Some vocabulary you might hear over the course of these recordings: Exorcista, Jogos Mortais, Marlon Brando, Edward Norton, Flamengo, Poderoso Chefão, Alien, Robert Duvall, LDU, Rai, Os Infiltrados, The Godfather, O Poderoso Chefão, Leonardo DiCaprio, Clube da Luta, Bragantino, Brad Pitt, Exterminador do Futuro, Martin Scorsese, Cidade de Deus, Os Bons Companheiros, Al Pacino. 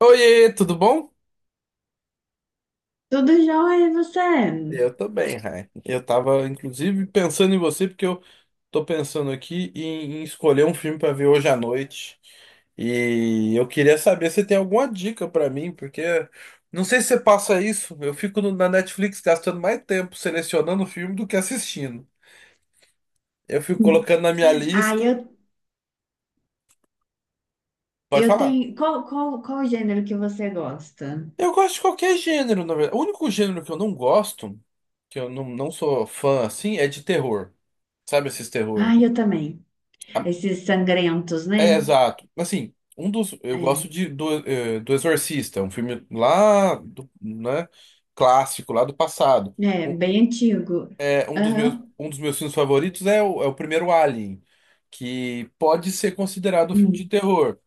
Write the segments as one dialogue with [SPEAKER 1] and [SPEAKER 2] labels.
[SPEAKER 1] Oiê, tudo bom?
[SPEAKER 2] Tudo jóia, e você?
[SPEAKER 1] Eu tô bem, Rai. Eu tava, inclusive, pensando em você, porque eu tô pensando aqui em escolher um filme pra ver hoje à noite. E eu queria saber se tem alguma dica pra mim, porque não sei se você passa isso. Eu fico na Netflix gastando mais tempo selecionando o filme do que assistindo. Eu fico colocando na minha
[SPEAKER 2] Ah,
[SPEAKER 1] lista.
[SPEAKER 2] eu,
[SPEAKER 1] Pode
[SPEAKER 2] eu
[SPEAKER 1] falar.
[SPEAKER 2] tenho. Qual, qual, Qual o gênero que você gosta?
[SPEAKER 1] Eu gosto de qualquer gênero, na verdade. O único gênero que eu não gosto, que eu não sou fã assim, é de terror. Sabe esses
[SPEAKER 2] Ah,
[SPEAKER 1] terror?
[SPEAKER 2] eu também. Esses sangrentos,
[SPEAKER 1] É,
[SPEAKER 2] né?
[SPEAKER 1] exato. Assim, um dos. Eu
[SPEAKER 2] É,
[SPEAKER 1] gosto do Exorcista, é um filme lá do, né, clássico, lá do passado.
[SPEAKER 2] é
[SPEAKER 1] Um,
[SPEAKER 2] bem antigo. Aham.
[SPEAKER 1] um dos meus filmes favoritos é é o primeiro Alien, que pode ser considerado um filme de
[SPEAKER 2] Hum.
[SPEAKER 1] terror.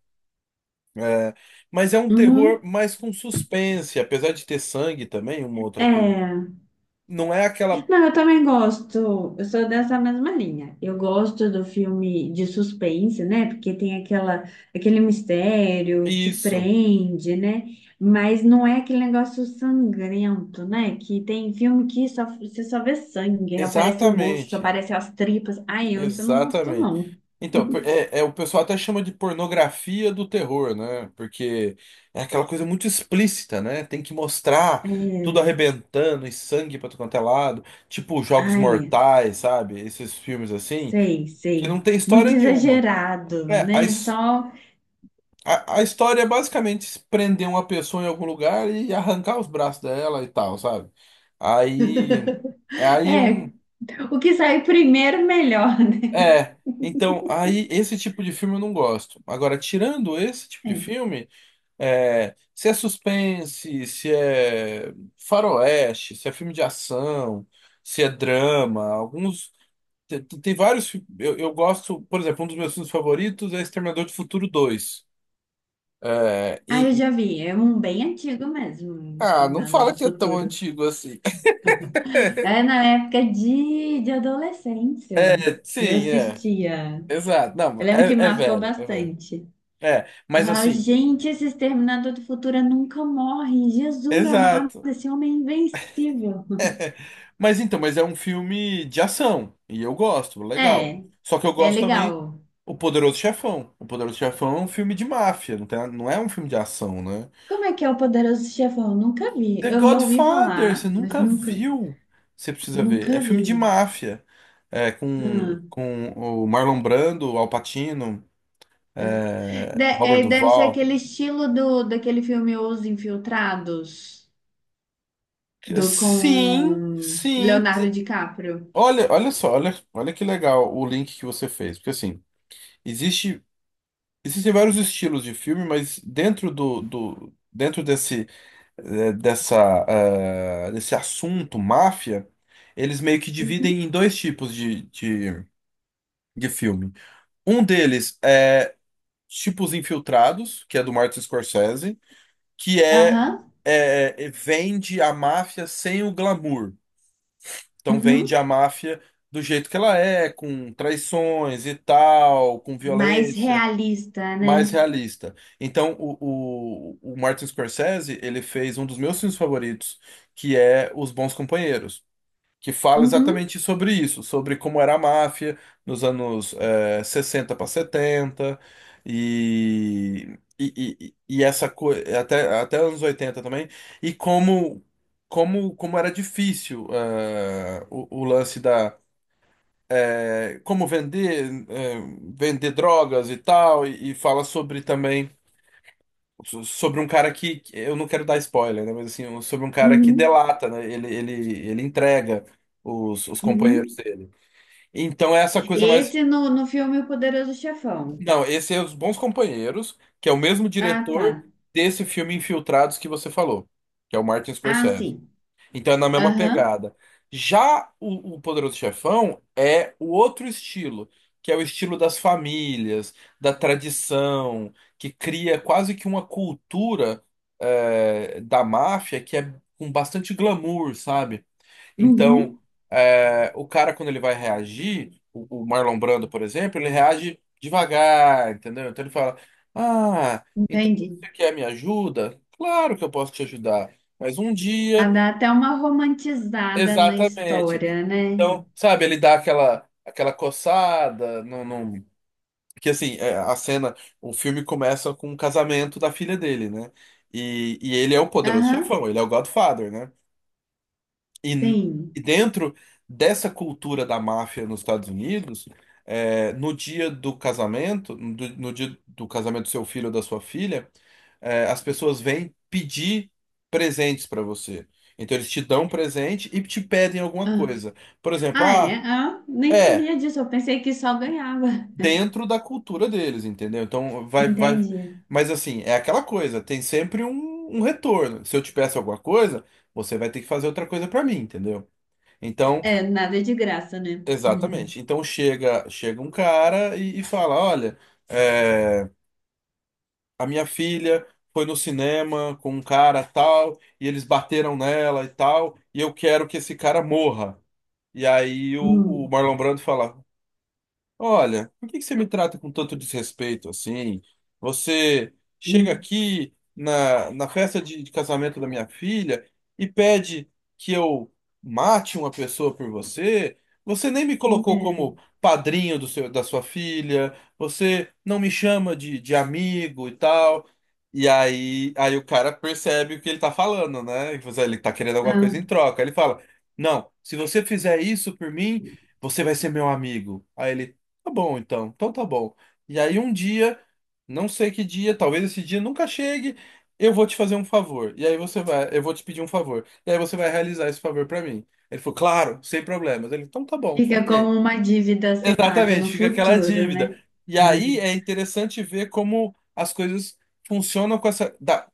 [SPEAKER 1] É, mas é um terror
[SPEAKER 2] Uhum.
[SPEAKER 1] mais com suspense, apesar de ter sangue também, uma outra coisa.
[SPEAKER 2] É.
[SPEAKER 1] Não é aquela.
[SPEAKER 2] Não, eu também gosto. Eu sou dessa mesma linha. Eu gosto do filme de suspense, né? Porque tem aquele mistério, te
[SPEAKER 1] Isso,
[SPEAKER 2] prende, né? Mas não é aquele negócio sangrento, né? Que tem filme que só, você só vê sangue, aí aparece o rosto,
[SPEAKER 1] exatamente.
[SPEAKER 2] aparece as tripas. Ai, eu isso eu não gosto,
[SPEAKER 1] Exatamente.
[SPEAKER 2] não.
[SPEAKER 1] Então, o pessoal até chama de pornografia do terror, né? Porque é aquela coisa muito explícita, né? Tem que mostrar tudo
[SPEAKER 2] É,
[SPEAKER 1] arrebentando e sangue pra tudo quanto é lado. Tipo Jogos
[SPEAKER 2] ai, é.
[SPEAKER 1] Mortais, sabe? Esses filmes assim,
[SPEAKER 2] Sei,
[SPEAKER 1] que não
[SPEAKER 2] sei.
[SPEAKER 1] tem história
[SPEAKER 2] Muito
[SPEAKER 1] nenhuma.
[SPEAKER 2] exagerado,
[SPEAKER 1] É. a,
[SPEAKER 2] né?
[SPEAKER 1] his-
[SPEAKER 2] Só,
[SPEAKER 1] a, a história é basicamente prender uma pessoa em algum lugar e arrancar os braços dela e tal, sabe? Aí. É aí
[SPEAKER 2] é,
[SPEAKER 1] um.
[SPEAKER 2] o que sair primeiro, melhor, né?
[SPEAKER 1] É. Então, aí esse tipo de filme eu não gosto. Agora, tirando esse tipo de
[SPEAKER 2] É.
[SPEAKER 1] filme. É, se é suspense, se é faroeste, se é filme de ação, se é drama, alguns. Tem vários. Eu gosto, por exemplo, um dos meus filmes favoritos é Exterminador do Futuro dois. É,
[SPEAKER 2] Ah, eu já vi. É um bem antigo mesmo, o
[SPEAKER 1] ah, não
[SPEAKER 2] Exterminador
[SPEAKER 1] fala
[SPEAKER 2] do
[SPEAKER 1] que é tão
[SPEAKER 2] Futuro.
[SPEAKER 1] antigo assim.
[SPEAKER 2] É na época de
[SPEAKER 1] É,
[SPEAKER 2] adolescência. Eu
[SPEAKER 1] sim, é.
[SPEAKER 2] assistia.
[SPEAKER 1] Exato. Não,
[SPEAKER 2] Eu lembro que
[SPEAKER 1] é
[SPEAKER 2] marcou
[SPEAKER 1] velho, é velho.
[SPEAKER 2] bastante.
[SPEAKER 1] É,
[SPEAKER 2] Eu
[SPEAKER 1] mas
[SPEAKER 2] falava,
[SPEAKER 1] assim,
[SPEAKER 2] gente, esse Exterminador do Futuro nunca morre. Jesus amado,
[SPEAKER 1] exato.
[SPEAKER 2] esse homem é invencível.
[SPEAKER 1] Mas é um filme de ação. E eu gosto, legal.
[SPEAKER 2] É,
[SPEAKER 1] Só que eu
[SPEAKER 2] é
[SPEAKER 1] gosto também
[SPEAKER 2] legal.
[SPEAKER 1] O Poderoso Chefão. O Poderoso Chefão é um filme de máfia, não é um filme de ação, né?
[SPEAKER 2] Como é que é o Poderoso Chefão? Nunca vi.
[SPEAKER 1] The
[SPEAKER 2] Eu já ouvi
[SPEAKER 1] Godfather, você
[SPEAKER 2] falar, mas
[SPEAKER 1] nunca
[SPEAKER 2] nunca,
[SPEAKER 1] viu? Você precisa ver. É
[SPEAKER 2] nunca
[SPEAKER 1] filme de
[SPEAKER 2] vi.
[SPEAKER 1] máfia. É, com,
[SPEAKER 2] Ah.
[SPEAKER 1] com o Marlon Brando, Al Pacino, Robert
[SPEAKER 2] É, deve ser
[SPEAKER 1] Duvall.
[SPEAKER 2] aquele estilo do, daquele filme Os Infiltrados, do
[SPEAKER 1] Sim,
[SPEAKER 2] com
[SPEAKER 1] sim.
[SPEAKER 2] Leonardo DiCaprio.
[SPEAKER 1] Olha só, olha que legal o link que você fez. Porque assim, existe. Existem vários estilos de filme, mas dentro do, do dentro desse eh, dessa desse assunto máfia, eles meio que dividem em dois tipos de filme. Um deles é tipo Os Infiltrados, que é do Martin Scorsese, que é,
[SPEAKER 2] Aham,
[SPEAKER 1] é é, vende a máfia sem o glamour. Então vende
[SPEAKER 2] uhum.
[SPEAKER 1] a máfia do jeito que ela é, com traições e tal, com
[SPEAKER 2] Mais
[SPEAKER 1] violência.
[SPEAKER 2] realista,
[SPEAKER 1] Mais
[SPEAKER 2] né?
[SPEAKER 1] realista. Então, o Martin Scorsese, ele fez um dos meus filmes favoritos, que é Os Bons Companheiros, que fala
[SPEAKER 2] Uhum,
[SPEAKER 1] exatamente sobre isso, sobre como era a máfia nos anos 60 para 70 e essa coisa, até anos 80 também, e como era difícil o lance da, é, como vender, é, vender drogas e tal, e fala sobre também sobre um cara eu não quero dar spoiler, né? Mas assim, sobre um cara que
[SPEAKER 2] uhum,
[SPEAKER 1] delata, né? Ele entrega os companheiros
[SPEAKER 2] uhum.
[SPEAKER 1] dele. Então é essa coisa mais.
[SPEAKER 2] Esse no, no filme O Poderoso Chefão.
[SPEAKER 1] Não, esse é Os Bons Companheiros, que é o mesmo
[SPEAKER 2] Ah, tá.
[SPEAKER 1] diretor desse filme Infiltrados que você falou, que é o Martin
[SPEAKER 2] Ah,
[SPEAKER 1] Scorsese.
[SPEAKER 2] sim.
[SPEAKER 1] Então é na mesma
[SPEAKER 2] Aham,
[SPEAKER 1] pegada. Já o Poderoso Chefão é o outro estilo, que é o estilo das famílias, da tradição, que cria quase que uma cultura da máfia que é com bastante glamour, sabe? Então,
[SPEAKER 2] uhum.
[SPEAKER 1] o cara, quando ele vai reagir, o Marlon Brando, por exemplo, ele reage devagar, entendeu? Então ele fala: Ah, então
[SPEAKER 2] Entendi.
[SPEAKER 1] você quer minha ajuda? Claro que eu posso te ajudar. Mas um
[SPEAKER 2] Ah,
[SPEAKER 1] dia.
[SPEAKER 2] dá até uma romantizada na
[SPEAKER 1] Exatamente.
[SPEAKER 2] história, né?
[SPEAKER 1] Então, sabe, ele dá aquela coçada, não, não... Que assim, a cena, o filme começa com o casamento da filha dele, né? E ele é o poderoso
[SPEAKER 2] Aham,
[SPEAKER 1] chefão, ele é o Godfather, né? E, n- e
[SPEAKER 2] sim.
[SPEAKER 1] dentro dessa cultura da máfia nos Estados Unidos, no dia do casamento, no dia do casamento do seu filho ou da sua filha, as pessoas vêm pedir presentes para você. Então eles te dão um presente e te pedem alguma coisa. Por exemplo,
[SPEAKER 2] Ah, é?
[SPEAKER 1] ah,
[SPEAKER 2] Ah, nem
[SPEAKER 1] é
[SPEAKER 2] sabia disso. Eu pensei que só ganhava.
[SPEAKER 1] dentro da cultura deles, entendeu? Então vai, vai.
[SPEAKER 2] Entendi.
[SPEAKER 1] Mas assim, é aquela coisa, tem sempre um retorno. Se eu te peço alguma coisa, você vai ter que fazer outra coisa para mim, entendeu? Então,
[SPEAKER 2] É, nada é de graça, né?
[SPEAKER 1] exatamente. Então chega um cara e fala, olha, é, a minha filha foi no cinema com um cara tal, e eles bateram nela e tal, e eu quero que esse cara morra. E aí o
[SPEAKER 2] Hum,
[SPEAKER 1] Marlon Brando fala: Olha, por que que você me trata com tanto desrespeito assim? Você chega
[SPEAKER 2] hum.
[SPEAKER 1] aqui na festa de casamento da minha filha e pede que eu mate uma pessoa por você. Você nem me colocou
[SPEAKER 2] É.
[SPEAKER 1] como padrinho da sua filha. Você não me chama de amigo e tal. E aí o cara percebe o que ele tá falando, né? Ele tá querendo alguma
[SPEAKER 2] Ah,
[SPEAKER 1] coisa em troca. Ele fala: Não, se você fizer isso por mim. Você vai ser meu amigo. Aí ele, tá bom, então. Então tá bom. E aí um dia, não sei que dia, talvez esse dia nunca chegue, eu vou te fazer um favor. Eu vou te pedir um favor. E aí você vai realizar esse favor pra mim. Ele falou, claro, sem problemas. Ele, então tá bom,
[SPEAKER 2] fica
[SPEAKER 1] ok.
[SPEAKER 2] como uma dívida a ser paga
[SPEAKER 1] Exatamente,
[SPEAKER 2] no
[SPEAKER 1] fica aquela
[SPEAKER 2] futuro,
[SPEAKER 1] dívida.
[SPEAKER 2] né?
[SPEAKER 1] E aí é interessante ver como as coisas funcionam com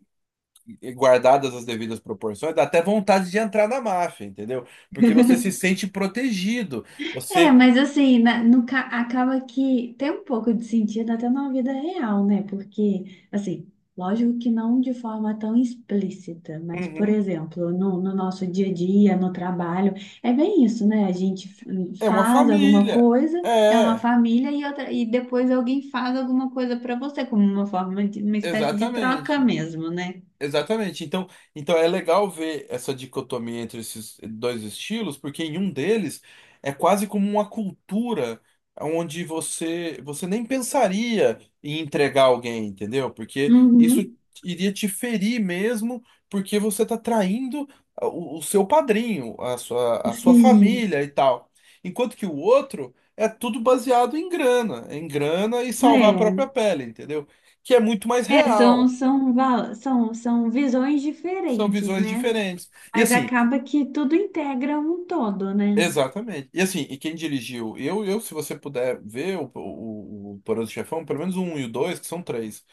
[SPEAKER 1] guardadas as devidas proporções, dá até vontade de entrar na máfia, entendeu? Porque você se sente protegido.
[SPEAKER 2] É,
[SPEAKER 1] Você,
[SPEAKER 2] mas assim, na- no, ca- acaba que tem um pouco de sentido até na vida real, né? Porque, assim, lógico que não de forma tão explícita, mas, por
[SPEAKER 1] Uhum.
[SPEAKER 2] exemplo, no, no nosso dia a dia, no trabalho, é bem isso, né? A gente
[SPEAKER 1] É uma
[SPEAKER 2] faz alguma
[SPEAKER 1] família.
[SPEAKER 2] coisa, é uma
[SPEAKER 1] É.
[SPEAKER 2] família, e, outra, e depois alguém faz alguma coisa para você, como uma forma de uma espécie de troca
[SPEAKER 1] Exatamente.
[SPEAKER 2] mesmo, né?
[SPEAKER 1] Exatamente. Então é legal ver essa dicotomia entre esses dois estilos, porque em um deles é quase como uma cultura onde você nem pensaria em entregar alguém, entendeu? Porque isso
[SPEAKER 2] Uhum,
[SPEAKER 1] iria te ferir mesmo, porque você está traindo o seu padrinho, a sua
[SPEAKER 2] sim.
[SPEAKER 1] família e tal. Enquanto que o outro é tudo baseado em grana e salvar a própria
[SPEAKER 2] É,
[SPEAKER 1] pele, entendeu? Que é muito mais real.
[SPEAKER 2] são visões
[SPEAKER 1] São
[SPEAKER 2] diferentes,
[SPEAKER 1] visões
[SPEAKER 2] né?
[SPEAKER 1] diferentes. E
[SPEAKER 2] Mas
[SPEAKER 1] assim,
[SPEAKER 2] acaba que tudo integra um todo, né?
[SPEAKER 1] exatamente. E assim, quem dirigiu? Se você puder ver o Poderoso Chefão, pelo menos o 1 e o 2, que são três.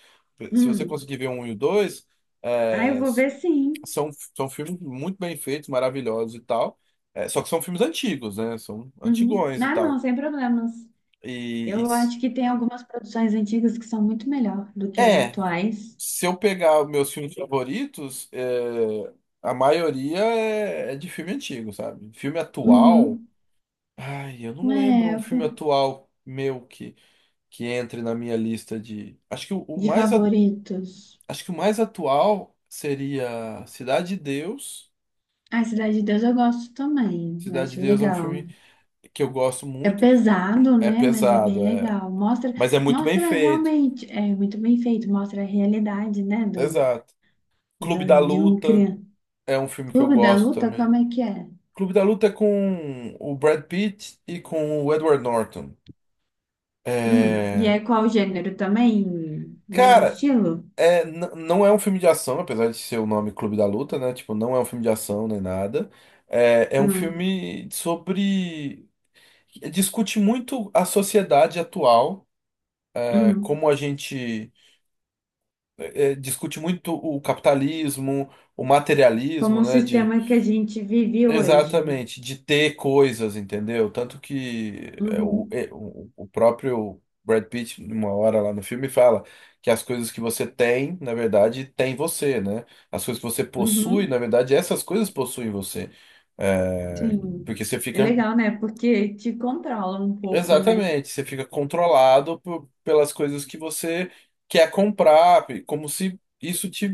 [SPEAKER 1] Se você
[SPEAKER 2] Hum.
[SPEAKER 1] conseguir ver o 1 e o 2,
[SPEAKER 2] Ah, eu
[SPEAKER 1] é,
[SPEAKER 2] vou ver sim.
[SPEAKER 1] são, são filmes muito bem feitos, maravilhosos e tal. É, só que são filmes antigos, né? São
[SPEAKER 2] Uhum.
[SPEAKER 1] antigões e
[SPEAKER 2] Ah, não,
[SPEAKER 1] tal.
[SPEAKER 2] sem problemas.
[SPEAKER 1] E, e-
[SPEAKER 2] Eu acho que tem algumas produções antigas que são muito melhor do que as
[SPEAKER 1] é,
[SPEAKER 2] atuais.
[SPEAKER 1] se eu pegar os meus filmes favoritos, a maioria é de filme antigo, sabe? Filme atual.
[SPEAKER 2] Uhum.
[SPEAKER 1] Ai, eu não lembro
[SPEAKER 2] É,
[SPEAKER 1] um
[SPEAKER 2] eu
[SPEAKER 1] filme
[SPEAKER 2] fi-
[SPEAKER 1] atual meu que entre na minha lista de. Acho que o, o
[SPEAKER 2] de
[SPEAKER 1] mais a-
[SPEAKER 2] favoritos.
[SPEAKER 1] acho que o mais atual seria Cidade de Deus.
[SPEAKER 2] A Cidade de Deus eu gosto também, eu
[SPEAKER 1] Cidade de
[SPEAKER 2] acho
[SPEAKER 1] Deus é um
[SPEAKER 2] legal.
[SPEAKER 1] filme que eu gosto
[SPEAKER 2] É
[SPEAKER 1] muito.
[SPEAKER 2] pesado,
[SPEAKER 1] É
[SPEAKER 2] né? Mas é bem
[SPEAKER 1] pesado,
[SPEAKER 2] legal. Mostra,
[SPEAKER 1] mas é muito bem
[SPEAKER 2] mostra
[SPEAKER 1] feito.
[SPEAKER 2] realmente, é muito bem feito, mostra a realidade, né?
[SPEAKER 1] Exato. Clube da
[SPEAKER 2] De um
[SPEAKER 1] Luta
[SPEAKER 2] criança.
[SPEAKER 1] é um filme que eu
[SPEAKER 2] Clube da
[SPEAKER 1] gosto
[SPEAKER 2] Luta,
[SPEAKER 1] também.
[SPEAKER 2] como é que é?
[SPEAKER 1] Clube da Luta é com o Brad Pitt e com o Edward Norton.
[SPEAKER 2] E
[SPEAKER 1] É...
[SPEAKER 2] é qual gênero também? Mesmo
[SPEAKER 1] Cara,
[SPEAKER 2] estilo?
[SPEAKER 1] Não é um filme de ação, apesar de ser o nome Clube da Luta, né? Tipo, não é um filme de ação nem nada. É um
[SPEAKER 2] Hum,
[SPEAKER 1] filme sobre. Discute muito a sociedade atual,
[SPEAKER 2] hum.
[SPEAKER 1] como a gente discute muito o capitalismo, o
[SPEAKER 2] Como
[SPEAKER 1] materialismo,
[SPEAKER 2] o
[SPEAKER 1] né?
[SPEAKER 2] sistema que a gente vive hoje.
[SPEAKER 1] Exatamente, de ter coisas, entendeu? Tanto que é, o,
[SPEAKER 2] Uhum,
[SPEAKER 1] é, o o próprio Brad Pitt, numa hora lá no filme, fala que as coisas que você tem, na verdade, tem você, né? As coisas que você possui, na
[SPEAKER 2] uhum,
[SPEAKER 1] verdade, essas coisas possuem você. É,
[SPEAKER 2] sim.
[SPEAKER 1] porque você
[SPEAKER 2] É
[SPEAKER 1] fica.
[SPEAKER 2] legal, né? Porque te controla um pouco, né?
[SPEAKER 1] Exatamente, você fica controlado pelas coisas que você quer comprar, como se isso te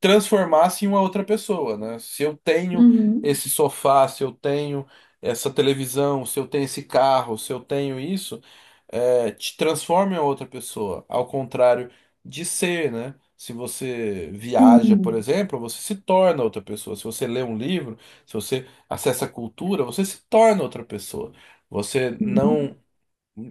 [SPEAKER 1] transformasse em uma outra pessoa, né? Se eu tenho
[SPEAKER 2] Uhum,
[SPEAKER 1] esse sofá, se eu tenho essa televisão, se eu tenho esse carro, se eu tenho isso, te transforma em outra pessoa. Ao contrário de ser, né? Se você viaja, por
[SPEAKER 2] sim.
[SPEAKER 1] exemplo, você se torna outra pessoa. Se você lê um livro, se você acessa a cultura, você se torna outra pessoa. Você
[SPEAKER 2] Uhum.
[SPEAKER 1] não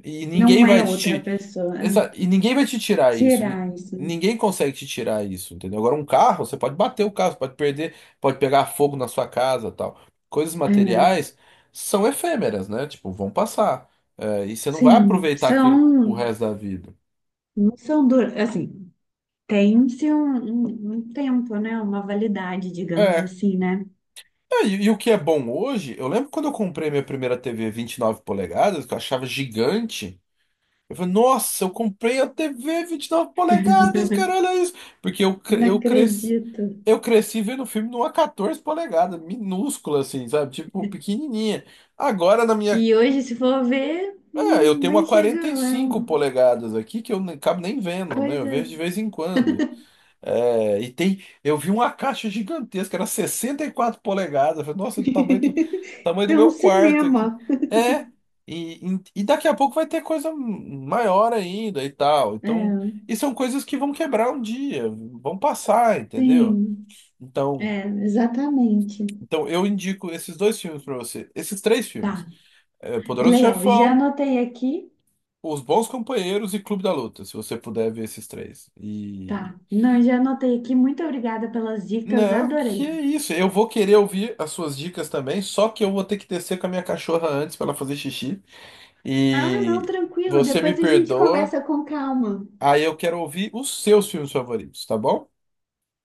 [SPEAKER 1] e ninguém
[SPEAKER 2] Não é
[SPEAKER 1] vai
[SPEAKER 2] outra
[SPEAKER 1] te.
[SPEAKER 2] pessoa. É.
[SPEAKER 1] E ninguém vai te tirar isso.
[SPEAKER 2] Tirar isso.
[SPEAKER 1] Ninguém consegue te tirar isso, entendeu? Agora, um carro, você pode bater o carro, você pode perder, pode pegar fogo na sua casa, tal. Coisas
[SPEAKER 2] É,
[SPEAKER 1] materiais são efêmeras, né? Tipo, vão passar. É, e você não vai
[SPEAKER 2] sim.
[SPEAKER 1] aproveitar aquilo pro
[SPEAKER 2] São,
[SPEAKER 1] resto da vida.
[SPEAKER 2] não são duras. Assim, tem-se um tempo, né? Uma validade, digamos
[SPEAKER 1] É.
[SPEAKER 2] assim, né?
[SPEAKER 1] É. E o que é bom hoje, eu lembro quando eu comprei minha primeira TV 9 polegadas, que eu achava gigante. Eu falei, nossa, eu comprei a TV 9 polegadas, cara, olha isso. Porque
[SPEAKER 2] Não acredito.
[SPEAKER 1] eu cresci vendo o filme numa 14 polegadas, minúscula assim, sabe? Tipo, pequenininha. Agora na
[SPEAKER 2] E
[SPEAKER 1] minha.
[SPEAKER 2] hoje, se for ver,
[SPEAKER 1] É, eu
[SPEAKER 2] não,
[SPEAKER 1] tenho uma
[SPEAKER 2] nem chega,
[SPEAKER 1] quarenta e
[SPEAKER 2] é
[SPEAKER 1] cinco
[SPEAKER 2] uma
[SPEAKER 1] polegadas aqui que eu nem acabo nem vendo, né? Eu
[SPEAKER 2] coisa.
[SPEAKER 1] vejo de vez em quando. É, e tem, eu vi uma caixa gigantesca, era 64 polegadas. Eu falei, nossa, do tamanho do,
[SPEAKER 2] É um
[SPEAKER 1] meu quarto aqui.
[SPEAKER 2] cinema.
[SPEAKER 1] É, e daqui a pouco vai ter coisa maior ainda e tal. Então,
[SPEAKER 2] É,
[SPEAKER 1] e são coisas que vão quebrar um dia, vão passar, entendeu?
[SPEAKER 2] sim,
[SPEAKER 1] Então,
[SPEAKER 2] é, exatamente.
[SPEAKER 1] então eu indico esses dois filmes pra você, esses três filmes:
[SPEAKER 2] Tá,
[SPEAKER 1] É, Poderoso
[SPEAKER 2] legal. Já
[SPEAKER 1] Chefão,
[SPEAKER 2] anotei aqui.
[SPEAKER 1] Os Bons Companheiros e Clube da Luta, se você puder ver esses três.
[SPEAKER 2] Tá, não, já anotei aqui. Muito obrigada pelas dicas,
[SPEAKER 1] Não, que
[SPEAKER 2] adorei.
[SPEAKER 1] isso. Eu vou querer ouvir as suas dicas também, só que eu vou ter que descer com a minha cachorra antes para ela fazer xixi.
[SPEAKER 2] Ah, não,
[SPEAKER 1] E
[SPEAKER 2] tranquilo.
[SPEAKER 1] você me
[SPEAKER 2] Depois a gente
[SPEAKER 1] perdoa.
[SPEAKER 2] conversa com calma.
[SPEAKER 1] Aí eu quero ouvir os seus filmes favoritos, tá bom?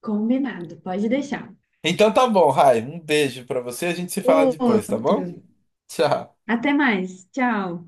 [SPEAKER 2] Combinado, pode deixar.
[SPEAKER 1] Então tá bom, Rai. Um beijo para você. A gente se fala depois, tá
[SPEAKER 2] Outro.
[SPEAKER 1] bom? Tchau.
[SPEAKER 2] Até mais, tchau.